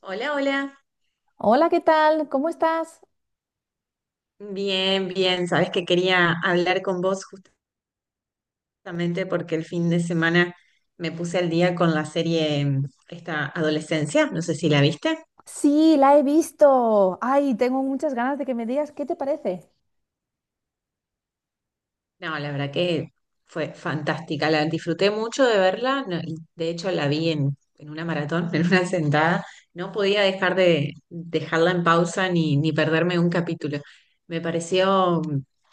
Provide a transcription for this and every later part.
Hola, hola. Hola, ¿qué tal? ¿Cómo estás? Bien, bien. Sabes que quería hablar con vos justamente porque el fin de semana me puse al día con la serie esta Adolescencia. No sé si la viste. Sí, la he visto. Ay, tengo muchas ganas de que me digas qué te parece. No, la verdad que fue fantástica, la disfruté mucho de verla, de hecho la vi en una maratón, en una sentada, no podía dejar de dejarla en pausa ni perderme un capítulo. Me pareció,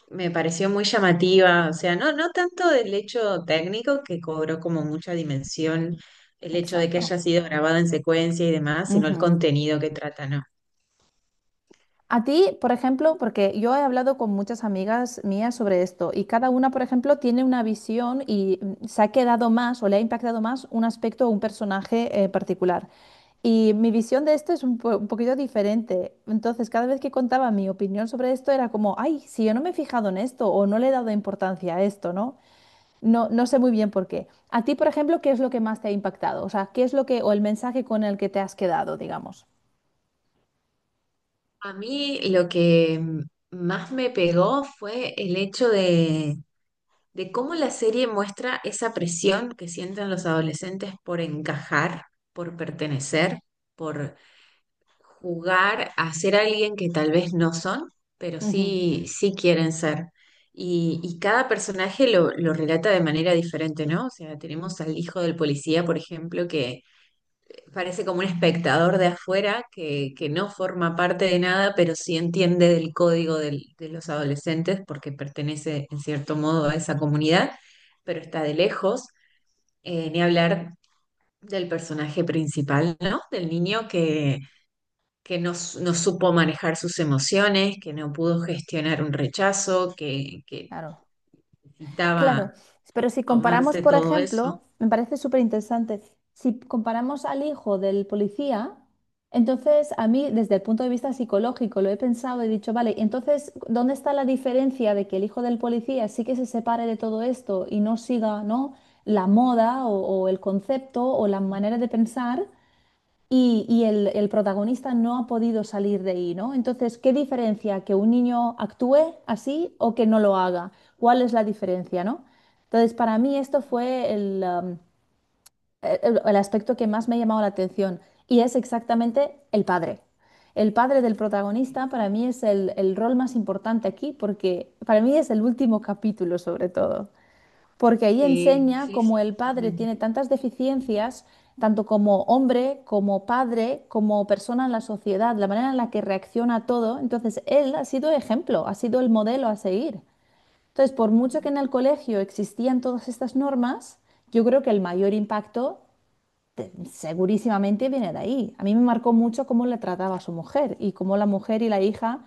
me pareció muy llamativa, o sea, no tanto del hecho técnico que cobró como mucha dimensión el hecho de que Exacto. haya sido grabada en secuencia y demás, sino el Ujú. contenido que trata, ¿no? A ti, por ejemplo, porque yo he hablado con muchas amigas mías sobre esto y cada una, por ejemplo, tiene una visión y se ha quedado más o le ha impactado más un aspecto o un personaje particular. Y mi visión de esto es un poquito diferente. Entonces, cada vez que contaba mi opinión sobre esto era como, ay, si yo no me he fijado en esto o no le he dado importancia a esto, ¿no? No, no sé muy bien por qué. A ti, por ejemplo, ¿qué es lo que más te ha impactado? O sea, ¿qué es lo que, o el mensaje con el que te has quedado, digamos? A mí lo que más me pegó fue el hecho de cómo la serie muestra esa presión que sienten los adolescentes por encajar, por pertenecer, por jugar a ser alguien que tal vez no son, pero Ujú. Sí quieren ser. Y cada personaje lo relata de manera diferente, ¿no? O sea, tenemos al hijo del policía, por ejemplo, que parece como un espectador de afuera que no forma parte de nada, pero sí entiende del código de los adolescentes porque pertenece en cierto modo a esa comunidad, pero está de lejos. Ni hablar del personaje principal, ¿no? Del niño que no, no supo manejar sus emociones, que no pudo gestionar un rechazo, que Claro. Claro. necesitaba Pero si comparamos, tomarse por todo eso. ejemplo, me parece súper interesante, si comparamos al hijo del policía, entonces a mí, desde el punto de vista psicológico, lo he pensado y he dicho, vale, entonces, ¿dónde está la diferencia de que el hijo del policía sí que se separe de todo esto y no siga, ¿no? la moda o el concepto o la manera de pensar? El protagonista no ha podido salir de ahí, ¿no? Entonces, ¿qué diferencia que un niño actúe así o que no lo haga? ¿Cuál es la diferencia, no? Entonces, para mí esto fue el aspecto que más me ha llamado la atención y es exactamente el padre. El padre del protagonista para mí es el rol más importante aquí porque para mí es el último capítulo sobre todo porque ahí Sí, enseña sí, cómo sí, el padre totalmente. tiene tantas deficiencias, tanto como hombre, como padre, como persona en la sociedad, la manera en la que reacciona a todo. Entonces, él ha sido ejemplo, ha sido el modelo a seguir. Entonces, por Ujú. mucho que en el colegio existían todas estas normas, yo creo que el mayor impacto segurísimamente viene de ahí. A mí me marcó mucho cómo le trataba a su mujer y cómo la mujer y la hija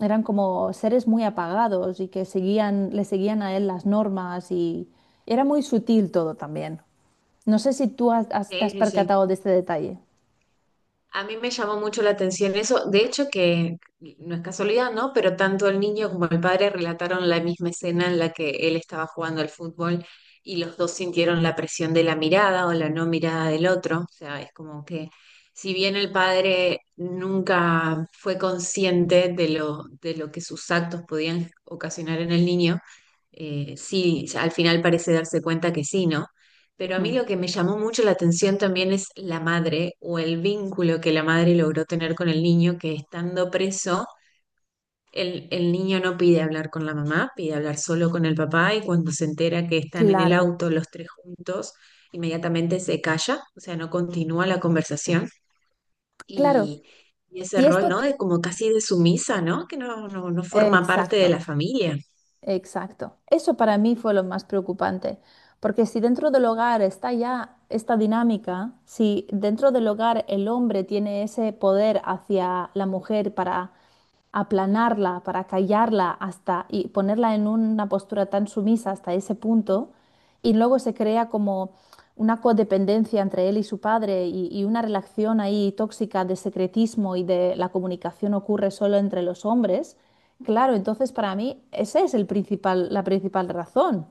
eran como seres muy apagados y que le seguían a él las normas y era muy sutil todo también. No sé si te Sí, has sí, sí. percatado de este detalle. A mí me llamó mucho la atención eso, de hecho que no es casualidad, ¿no? Pero tanto el niño como el padre relataron la misma escena en la que él estaba jugando al fútbol y los dos sintieron la presión de la mirada o la no mirada del otro. O sea, es como que si bien el padre nunca fue consciente de de lo que sus actos podían ocasionar en el niño, sí, al final parece darse cuenta que sí, ¿no? Pero a mí Mm, lo que me llamó mucho la atención también es la madre o el vínculo que la madre logró tener con el niño, que estando preso, el niño no pide hablar con la mamá, pide hablar solo con el papá, y cuando se entera que están en el Claro, auto los tres juntos, inmediatamente se calla, o sea, no continúa la conversación claro. y, y ese Y rol, ¿no? De como casi de sumisa, ¿no? Que no forma parte de exacto. la familia. Exacto. Eso para mí fue lo más preocupante, porque si dentro del hogar está ya esta dinámica, si dentro del hogar el hombre tiene ese poder hacia la mujer para aplanarla, para callarla hasta y ponerla en una postura tan sumisa hasta ese punto, y luego se crea como una codependencia entre él y su padre y una relación ahí tóxica de secretismo y de la comunicación ocurre solo entre los hombres. Claro, entonces para mí esa es la principal razón.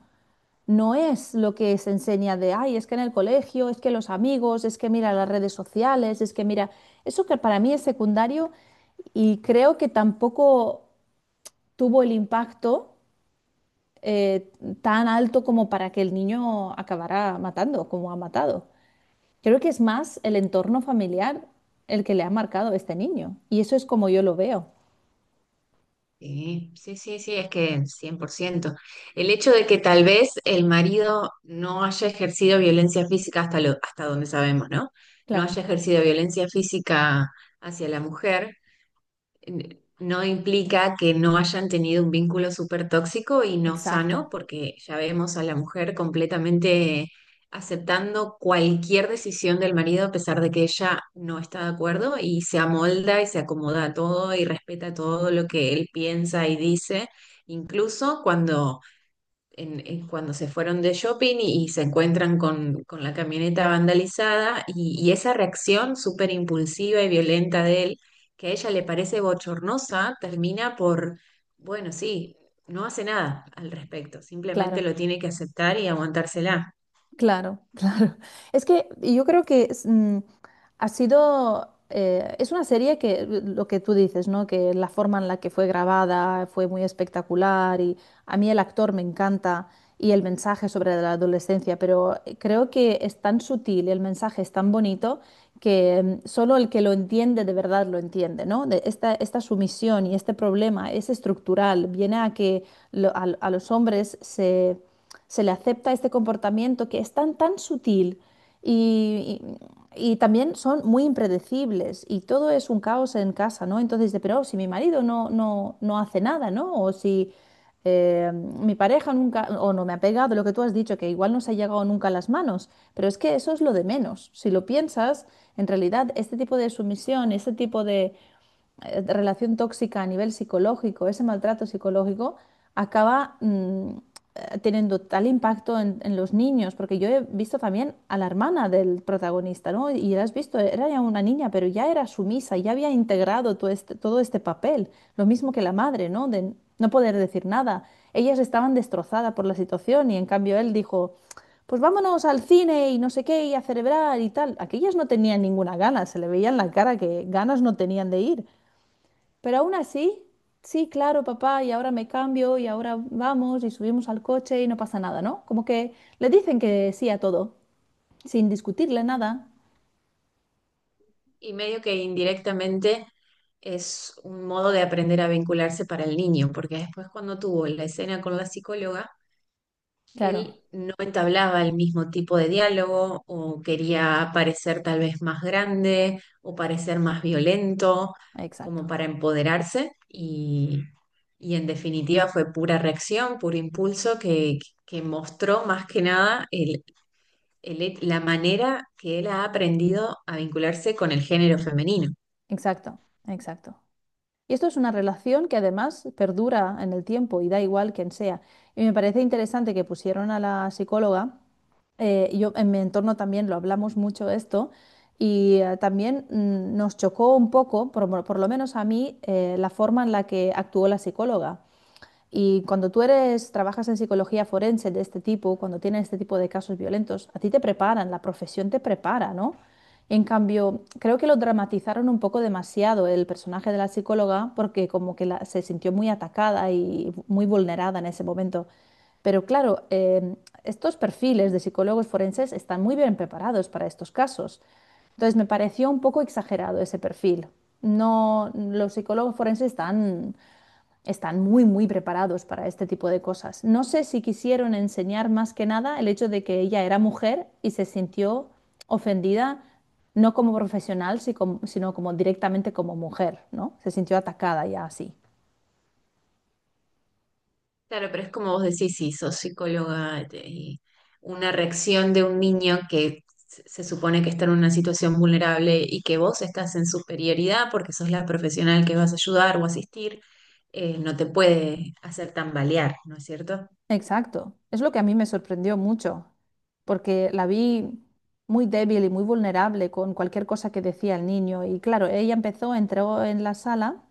No es lo que se enseña de, ay, es que en el colegio, es que los amigos, es que mira las redes sociales, es que mira, eso que para mí es secundario y creo que tampoco tuvo el impacto eh, tan alto como para que el niño acabara matando, como ha matado. Creo que es más el entorno familiar el que le ha marcado a este niño. Y eso es como yo lo veo. Sí, sí, sí, sí, es que 100%. El hecho de que tal vez el marido no haya ejercido violencia física hasta hasta donde sabemos, ¿no? No Claro, haya ejercido violencia física hacia la mujer, no implica que no hayan tenido un vínculo súper tóxico y no sano, exacto, porque ya vemos a la mujer completamente aceptando cualquier decisión del marido a pesar de que ella no está de acuerdo y se amolda y se acomoda a todo y respeta todo lo que él piensa y dice, incluso cuando en cuando se fueron de shopping y se encuentran con la camioneta vandalizada y esa reacción súper impulsiva y violenta de él, que a ella le parece bochornosa, termina por, bueno, sí, no hace nada al respecto, simplemente claro. lo tiene que aceptar y aguantársela. Claro, claro. Es que yo creo que es, mm, ha sido, es una serie que lo que tú dices, ¿no? Que la forma en la que fue grabada fue muy espectacular y a mí el actor me encanta y el mensaje sobre la adolescencia, pero creo que es tan sutil y el mensaje es tan bonito que solo el que lo entiende de verdad lo entiende, ¿no? De esta sumisión y este problema es estructural, viene a que a los hombres se le acepta este comportamiento que es tan, tan sutil y, y también son muy impredecibles y todo es un caos en casa, ¿no? Entonces, de, pero si mi marido no hace nada, ¿no? O si mi pareja nunca, o no me ha pegado, lo que tú has dicho, que igual no se ha llegado nunca a las manos, pero es que eso es lo de menos. Si lo piensas, en realidad este tipo de sumisión, este tipo de relación tóxica a nivel psicológico, ese maltrato psicológico, acaba teniendo tal impacto en los niños, porque yo he visto también a la hermana del protagonista, ¿no? Y la has visto, era ya una niña, pero ya era sumisa, ya había integrado todo este papel, lo mismo que la madre, ¿no? De no poder decir nada. Ellas estaban destrozadas por la situación y en cambio él dijo... Pues vámonos al cine y no sé qué, y a celebrar y tal. Aquellas no tenían ninguna gana, se le veía en la cara que ganas no tenían de ir. Pero aún así, sí, claro, papá, y ahora me cambio y ahora vamos y subimos al coche y no pasa nada, ¿no? Como que le dicen que sí a todo, sin discutirle nada. Y medio que indirectamente es un modo de aprender a vincularse para el niño, porque después cuando tuvo la escena con la psicóloga, Claro, él no entablaba el mismo tipo de diálogo o quería parecer tal vez más grande o parecer más violento, exacto, como para empoderarse y en definitiva fue pura reacción, puro impulso que mostró más que nada la manera que él ha aprendido a vincularse con el género femenino. exacto, exacto. Y esto es una relación que además perdura en el tiempo y da igual quién sea. Y me parece interesante que pusieron a la psicóloga yo en mi entorno también lo hablamos mucho esto y nos chocó un poco, por lo menos a mí, la forma en la que actuó la psicóloga. Y cuando trabajas en psicología forense de este tipo, cuando tienes este tipo de casos violentos, a ti te preparan, la profesión te prepara, ¿no? En cambio, creo que lo dramatizaron un poco demasiado el personaje de la psicóloga porque como que se sintió muy atacada y muy vulnerada en ese momento. Pero claro, estos perfiles de psicólogos forenses están muy bien preparados para estos casos. Entonces me pareció un poco exagerado ese perfil. No, los psicólogos forenses están muy, muy preparados para este tipo de cosas. No sé si quisieron enseñar más que nada el hecho de que ella era mujer y se sintió ofendida, no como profesional, si sino como directamente como mujer, ¿no? Se sintió atacada ya así. Claro, pero es como vos decís, si sos psicóloga y una reacción de un niño que se supone que está en una situación vulnerable y que vos estás en superioridad porque sos la profesional que vas a ayudar o asistir, no te puede hacer tambalear, ¿no es cierto? Exacto. Es lo que a mí me sorprendió mucho, porque la vi muy débil y muy vulnerable con cualquier cosa que decía el niño. Y claro, entró en la sala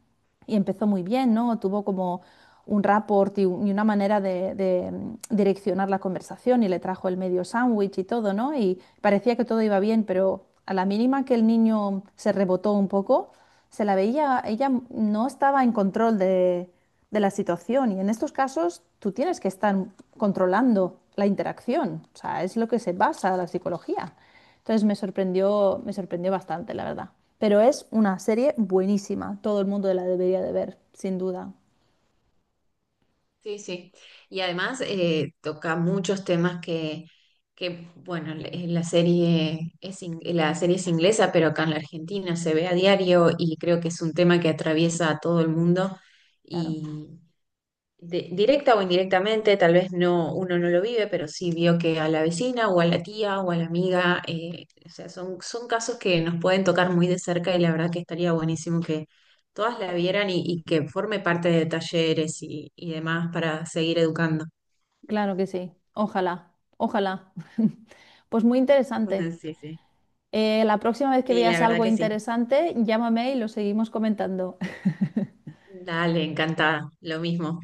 y empezó muy bien, ¿no? Tuvo como un rapport y una manera direccionar la conversación y le trajo el medio sándwich y todo, ¿no? Y parecía que todo iba bien, pero a la mínima que el niño se rebotó un poco, se la veía, ella no estaba en control de la situación y en estos casos tú tienes que estar controlando la interacción, o sea, es lo que se basa la psicología. Entonces me sorprendió bastante, la verdad. Pero es una serie buenísima, todo el mundo la debería de ver, sin duda, Sí, sí. Y además toca muchos temas que bueno, la serie es inglesa, pero acá en la Argentina se ve a diario y creo que es un tema que atraviesa a todo el mundo. claro. Y, de- directa o indirectamente, tal vez no, uno no lo vive, pero sí vio que a la vecina o a la tía o a la amiga, o sea, son casos que nos pueden tocar muy de cerca, y la verdad que estaría buenísimo que todas la vieran y que forme parte de talleres y demás para seguir educando. Claro que sí. Ojalá, ojalá. Pues muy interesante. Sí, sí. La próxima vez que Sí, la veas verdad algo que sí. interesante, llámame y lo seguimos comentando. Dale, encantada. Lo mismo.